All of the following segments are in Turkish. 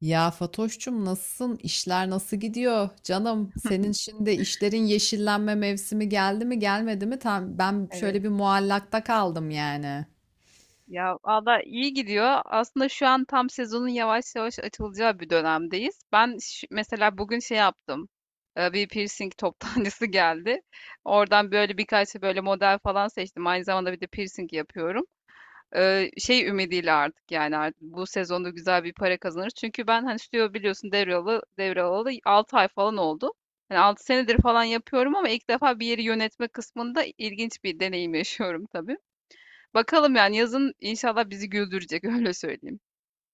Ya Fatoş'cum nasılsın? İşler nasıl gidiyor? Canım senin şimdi işlerin yeşillenme mevsimi geldi mi gelmedi mi? Tam ben Evet. şöyle bir muallakta kaldım yani. Ya valla iyi gidiyor. Aslında şu an tam sezonun yavaş yavaş açılacağı bir dönemdeyiz. Ben mesela bugün şey yaptım. Bir piercing toptancısı geldi. Oradan böyle birkaç böyle model falan seçtim. Aynı zamanda bir de piercing yapıyorum. Şey ümidiyle artık yani artık bu sezonda güzel bir para kazanırız. Çünkü ben hani stüdyo biliyorsun devralı 6 ay falan oldu. Yani 6 senedir falan yapıyorum ama ilk defa bir yeri yönetme kısmında ilginç bir deneyim yaşıyorum tabii. Bakalım yani yazın inşallah bizi güldürecek öyle söyleyeyim.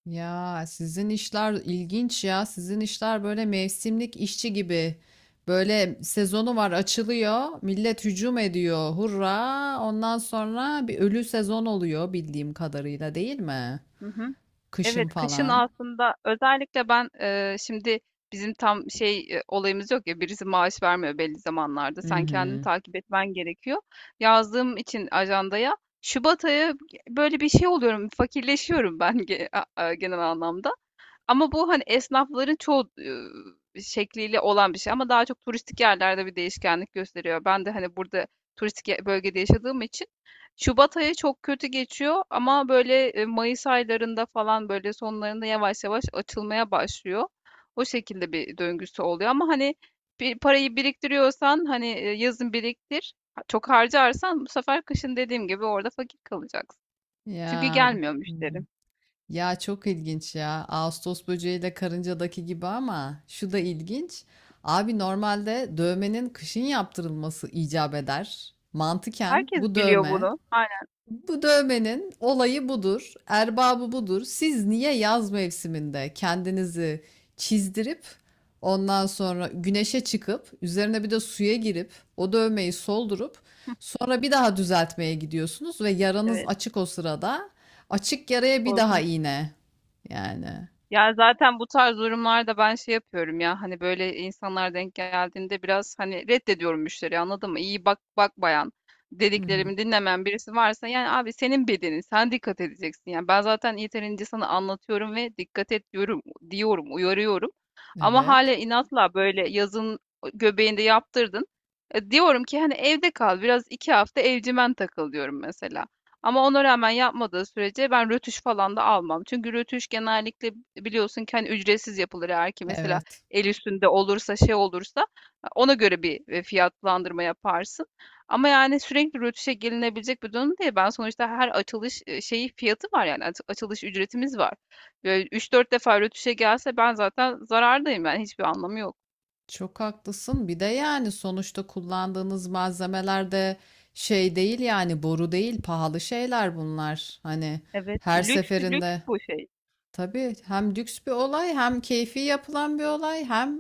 Ya sizin işler ilginç ya. Sizin işler böyle mevsimlik işçi gibi. Böyle sezonu var, açılıyor. Millet hücum ediyor. Hurra! Ondan sonra bir ölü sezon oluyor bildiğim kadarıyla, değil mi? Hı hı. Kışın Evet, kışın falan. aslında özellikle ben şimdi bizim tam şey olayımız yok ya, birisi maaş vermiyor belli zamanlarda. Hı Sen kendini hı. takip etmen gerekiyor. Yazdığım için ajandaya Şubat ayı böyle bir şey oluyorum, fakirleşiyorum ben genel anlamda. Ama bu hani esnafların çoğu şekliyle olan bir şey, ama daha çok turistik yerlerde bir değişkenlik gösteriyor. Ben de hani burada turistik bölgede yaşadığım için Şubat ayı çok kötü geçiyor, ama böyle Mayıs aylarında falan, böyle sonlarında yavaş yavaş açılmaya başlıyor. O şekilde bir döngüsü oluyor, ama hani bir parayı biriktiriyorsan hani yazın biriktir. Çok harcarsan bu sefer kışın dediğim gibi orada fakir kalacaksın. Çünkü Ya. gelmiyor Hı. müşterim. Ya, çok ilginç ya. Ağustos böceğiyle karıncadaki gibi, ama şu da ilginç. Abi normalde dövmenin kışın yaptırılması icap eder. Mantıken Herkes biliyor bunu. Aynen. bu dövmenin olayı budur, erbabı budur. Siz niye yaz mevsiminde kendinizi çizdirip ondan sonra güneşe çıkıp üzerine bir de suya girip o dövmeyi soldurup sonra bir daha düzeltmeye gidiyorsunuz ve yaranız Evet. açık o sırada. Açık yaraya bir daha Korkunç. iğne. Yani. Ya zaten bu tarz durumlarda ben şey yapıyorum, ya hani böyle insanlar denk geldiğinde biraz hani reddediyorum müşteriyi, anladın mı? İyi bak bak bayan, Hı hı. dediklerimi dinlemeyen birisi varsa yani abi senin bedenin, sen dikkat edeceksin, yani ben zaten yeterince sana anlatıyorum ve dikkat et diyorum, diyorum, uyarıyorum, ama hala Evet. inatla böyle yazın göbeğinde yaptırdın. Diyorum ki hani evde kal biraz 2 hafta, evcimen takıl diyorum mesela. Ama ona rağmen yapmadığı sürece ben rötuş falan da almam. Çünkü rötuş genellikle biliyorsun ki hani ücretsiz yapılır, eğer ki mesela Evet. el üstünde olursa, şey olursa ona göre bir fiyatlandırma yaparsın. Ama yani sürekli rötuşa gelinebilecek bir durum değil. Ben sonuçta her açılış şeyi, fiyatı var yani, açılış ücretimiz var. Böyle 3-4 defa rötuşa gelse ben zaten zarardayım, yani hiçbir anlamı yok. Çok haklısın. Bir de yani sonuçta kullandığınız malzemeler de şey değil yani, boru değil, pahalı şeyler bunlar. Hani Evet, her lüks lüks seferinde. bu şey. Tabii, hem lüks bir olay, hem keyfi yapılan bir olay, hem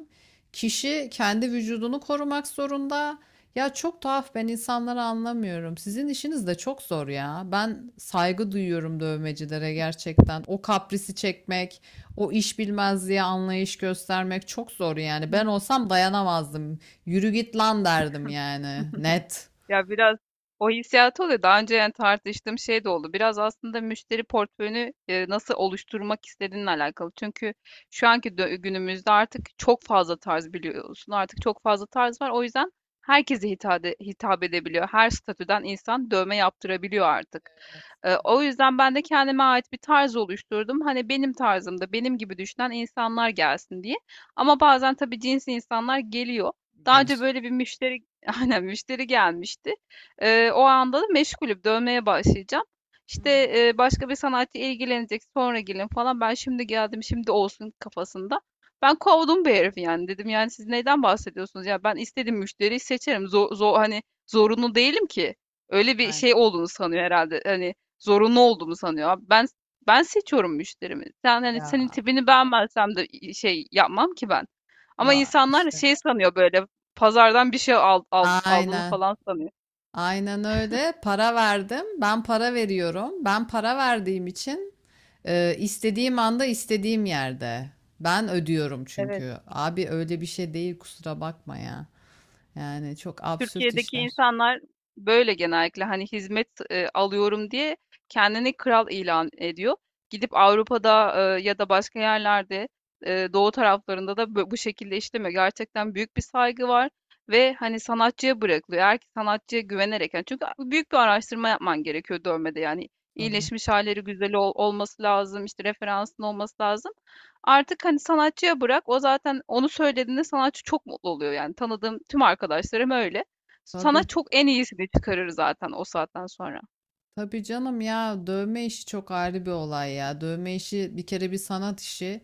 kişi kendi vücudunu korumak zorunda. Ya çok tuhaf, ben insanları anlamıyorum. Sizin işiniz de çok zor ya. Ben saygı duyuyorum dövmecilere gerçekten. O kaprisi çekmek, o iş bilmezliğe anlayış göstermek çok zor yani. Ben olsam dayanamazdım. Yürü git lan derdim Hı. yani. Net. Ya biraz o hissiyatı oluyor. Daha önce yani tartıştığım şey de oldu. Biraz aslında müşteri portföyünü nasıl oluşturmak istediğinle alakalı. Çünkü şu anki günümüzde artık çok fazla tarz biliyorsun. Artık çok fazla tarz var. O yüzden herkese hitap edebiliyor. Her statüden insan dövme yaptırabiliyor artık. Evet, evet. O yüzden ben de kendime ait bir tarz oluşturdum. Hani benim tarzımda, benim gibi düşünen insanlar gelsin diye. Ama bazen tabii cins insanlar geliyor. Daha önce Gelir. böyle bir müşteri, aynen müşteri gelmişti. O anda da meşgulüm. Dövmeye başlayacağım. Hı İşte hı. Başka bir sanatçı ilgilenecek, sonra gelin falan. Ben şimdi geldim, şimdi olsun kafasında. Ben kovdum bir herifi yani. Dedim yani siz neyden bahsediyorsunuz? Ya ben istediğim müşteriyi seçerim. Zor, zor, hani zorunlu değilim ki. Öyle bir Aynen. şey olduğunu sanıyor herhalde. Hani zorunlu olduğumu sanıyor. Abi ben seçiyorum müşterimi. Sen hani, senin Ya, tipini beğenmezsem de şey yapmam ki ben. Ama ya insanlar işte. şey sanıyor, böyle pazardan bir şey aldığını Aynen. falan sanıyor. Aynen öyle. Para verdim. Ben para veriyorum. Ben para verdiğim için istediğim anda istediğim yerde. Ben ödüyorum Evet. çünkü. Abi öyle bir şey değil, kusura bakma ya. Yani çok absürt Türkiye'deki işler. insanlar böyle genellikle hani hizmet alıyorum diye kendini kral ilan ediyor. Gidip Avrupa'da ya da başka yerlerde, doğu taraflarında da bu şekilde işlemiyor. Gerçekten büyük bir saygı var ve hani sanatçıya bırakılıyor. Eğer ki sanatçıya güvenerek, yani çünkü büyük bir araştırma yapman gerekiyor dövmede, yani Tabii. iyileşmiş halleri güzel olması lazım, işte referansın olması lazım. Artık hani sanatçıya bırak, o zaten onu söylediğinde sanatçı çok mutlu oluyor, yani tanıdığım tüm arkadaşlarım öyle. Sana Tabii. çok en iyisini çıkarır zaten o saatten sonra. Tabii canım ya, dövme işi çok ayrı bir olay ya. Dövme işi bir kere bir sanat işi.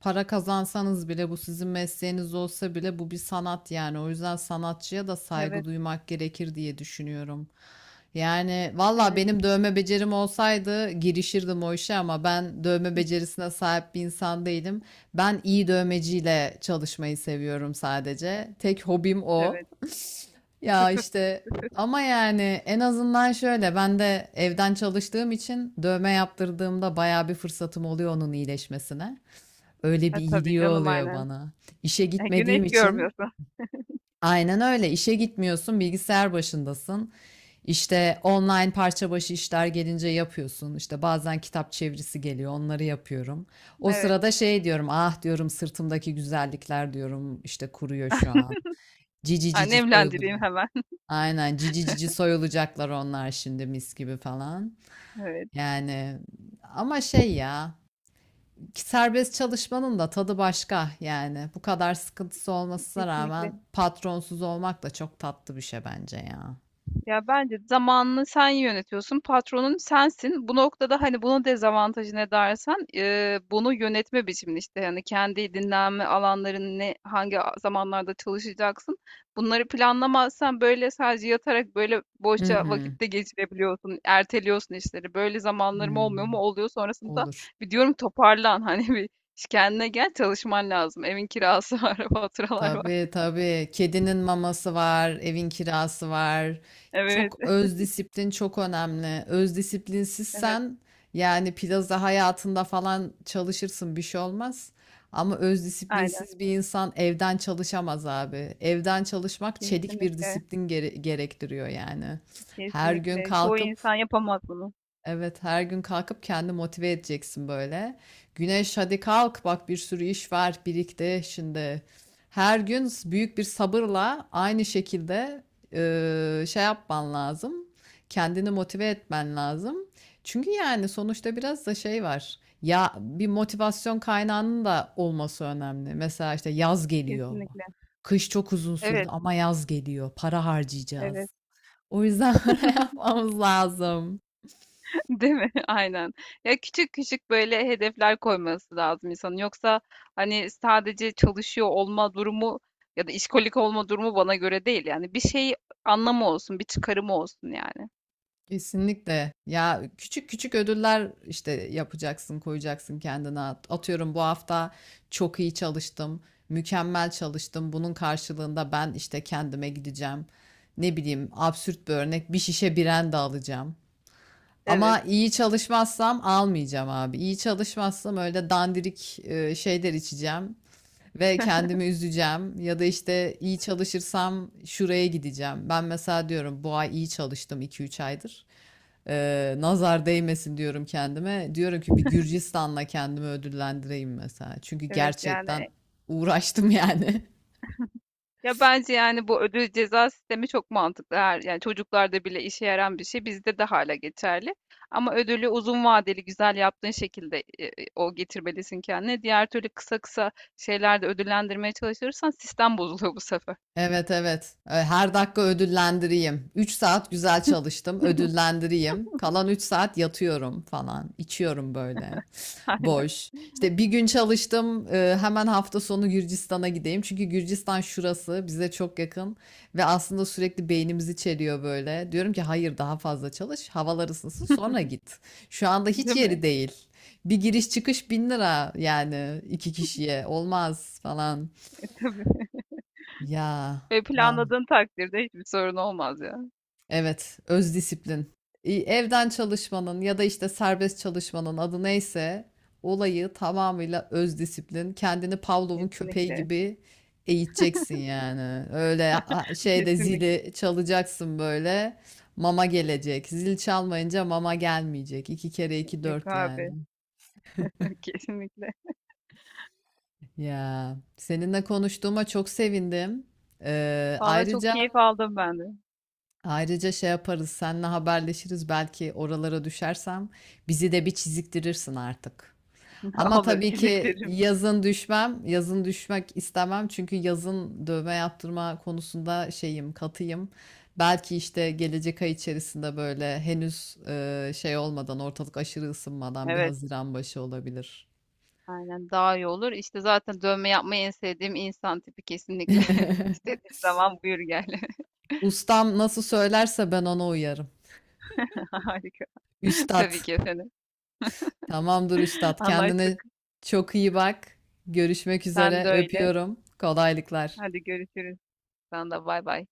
Para kazansanız bile, bu sizin mesleğiniz olsa bile, bu bir sanat yani. O yüzden sanatçıya da saygı Evet, duymak gerekir diye düşünüyorum. Yani valla evet, benim dövme becerim olsaydı girişirdim o işe, ama ben dövme hıh, becerisine sahip bir insan değilim. Ben iyi dövmeciyle çalışmayı seviyorum sadece. Tek hobim o. evet. Ya işte ama yani en azından şöyle, ben de evden çalıştığım için dövme yaptırdığımda bayağı bir fırsatım oluyor onun iyileşmesine. Öyle Ha, bir tabii iyiliği canım, oluyor aynen. bana. İşe gitmediğim Güneş için görmüyorsun. aynen öyle, işe gitmiyorsun, bilgisayar başındasın. İşte online parça başı işler gelince yapıyorsun. İşte bazen kitap çevirisi geliyor, onları yapıyorum. O Evet. sırada şey diyorum, ah diyorum sırtımdaki güzellikler diyorum, işte kuruyor şu an. Cici cici Annemlendireyim soyulacak. hemen. Aynen cici cici soyulacaklar onlar şimdi mis gibi falan. Evet, Yani ama şey ya, ki serbest çalışmanın da tadı başka yani, bu kadar sıkıntısı olmasına kesinlikle. rağmen patronsuz olmak da çok tatlı bir şey bence ya. Ya bence zamanını sen yönetiyorsun, patronun sensin. Bu noktada hani bunun dezavantajı ne dersen, bunu yönetme biçimini işte, yani kendi dinlenme alanlarını, ne, hangi zamanlarda çalışacaksın. Bunları planlamazsan böyle sadece yatarak böyle Hı boşça hı. vakitte geçirebiliyorsun, erteliyorsun işleri. Böyle zamanlarım olmuyor mu? Hmm. Oluyor, sonrasında Olur. bir diyorum toparlan hani bir kendine gel, çalışman lazım. Evin kirası var, faturalar var. Tabii tabii. Kedinin maması var, evin kirası var. Evet, Çok öz disiplin çok önemli. Öz evet, disiplinsizsen yani plaza hayatında falan çalışırsın bir şey olmaz. Ama öz aynen, disiplinsiz bir insan evden çalışamaz abi. Evden çalışmak çelik bir kesinlikle. disiplin gerektiriyor yani. Her gün Kesinlikle. Çoğu kalkıp insan yapamaz bunu. evet, her gün kalkıp kendi motive edeceksin böyle. Güneş hadi kalk bak, bir sürü iş var birikti şimdi. Her gün büyük bir sabırla aynı şekilde şey yapman lazım. Kendini motive etmen lazım. Çünkü yani sonuçta biraz da şey var. Ya bir motivasyon kaynağının da olması önemli. Mesela işte yaz geliyor. Kesinlikle. Kış çok uzun sürdü Evet, ama yaz geliyor. Para evet. harcayacağız. O yüzden para yapmamız lazım. Değil mi? Aynen. Ya küçük küçük böyle hedefler koyması lazım insanın. Yoksa hani sadece çalışıyor olma durumu ya da işkolik olma durumu bana göre değil. Yani bir şey anlamı olsun, bir çıkarımı olsun yani. Kesinlikle. Ya küçük küçük ödüller işte yapacaksın, koyacaksın kendine. Atıyorum bu hafta çok iyi çalıştım, mükemmel çalıştım. Bunun karşılığında ben işte kendime gideceğim. Ne bileyim, absürt bir örnek, bir şişe biren de alacağım. Evet, Ama iyi çalışmazsam almayacağım abi. İyi çalışmazsam öyle dandirik şeyler içeceğim ve kendimi üzeceğim, ya da işte iyi çalışırsam şuraya gideceğim. Ben mesela diyorum bu ay iyi çalıştım 2-3 aydır. Nazar değmesin diyorum kendime. Diyorum ki bir Gürcistan'la kendimi ödüllendireyim mesela. Çünkü evet gerçekten yani. uğraştım yani. Ya bence yani bu ödül ceza sistemi çok mantıklı. Her, yani çocuklarda bile işe yarayan bir şey bizde de hala geçerli. Ama ödülü uzun vadeli güzel yaptığın şekilde o getirmelisin kendine. Diğer türlü kısa kısa şeylerde ödüllendirmeye çalışırsan sistem bozuluyor bu sefer. Evet evet. Her dakika ödüllendireyim. 3 saat güzel çalıştım, ödüllendireyim. Kalan 3 saat yatıyorum falan. İçiyorum böyle. Aynen, Boş. İşte bir gün çalıştım. Hemen hafta sonu Gürcistan'a gideyim. Çünkü Gürcistan şurası bize çok yakın ve aslında sürekli beynimizi çeliyor böyle. Diyorum ki hayır, daha fazla çalış. Havalar ısınsın sonra git. Şu anda hiç değil yeri mi? değil. Bir giriş çıkış 1.000 lira yani, iki kişiye olmaz falan. Tabii. Ya. Ve planladığın takdirde hiçbir sorun olmaz ya. Evet, öz disiplin. Evden çalışmanın ya da işte serbest çalışmanın adı neyse, olayı tamamıyla öz disiplin. Kendini Pavlov'un köpeği Kesinlikle. gibi eğiteceksin yani. Öyle şeyde Kesinlikle. zili çalacaksın böyle, mama gelecek. Zil çalmayınca mama gelmeyecek. İki kere iki Yok dört yani. abi. Kesinlikle. Ya seninle konuştuğuma çok sevindim. Ee, Vallahi çok ayrıca keyif aldım ben de. Ayrıca şey yaparız, seninle haberleşiriz, belki oralara düşersem bizi de bir çiziktirirsin artık. Ama Olur, tabii teşekkür ki ederim. yazın düşmem, yazın düşmek istemem çünkü yazın dövme yaptırma konusunda şeyim, katıyım. Belki işte gelecek ay içerisinde böyle henüz şey olmadan, ortalık aşırı ısınmadan, bir Evet. Haziran başı olabilir. Aynen, daha iyi olur. İşte zaten dövme yapmayı en sevdiğim insan tipi, kesinlikle. İstediğin zaman buyur gel. Ustam nasıl söylerse ben ona uyarım. Harika. Üstad. Tabii ki efendim. Tamamdır üstad. Kendine Anlaştık. çok iyi bak. Görüşmek Sen üzere. de öyle. Öpüyorum. Kolaylıklar. Hadi görüşürüz. Sen de bay bay.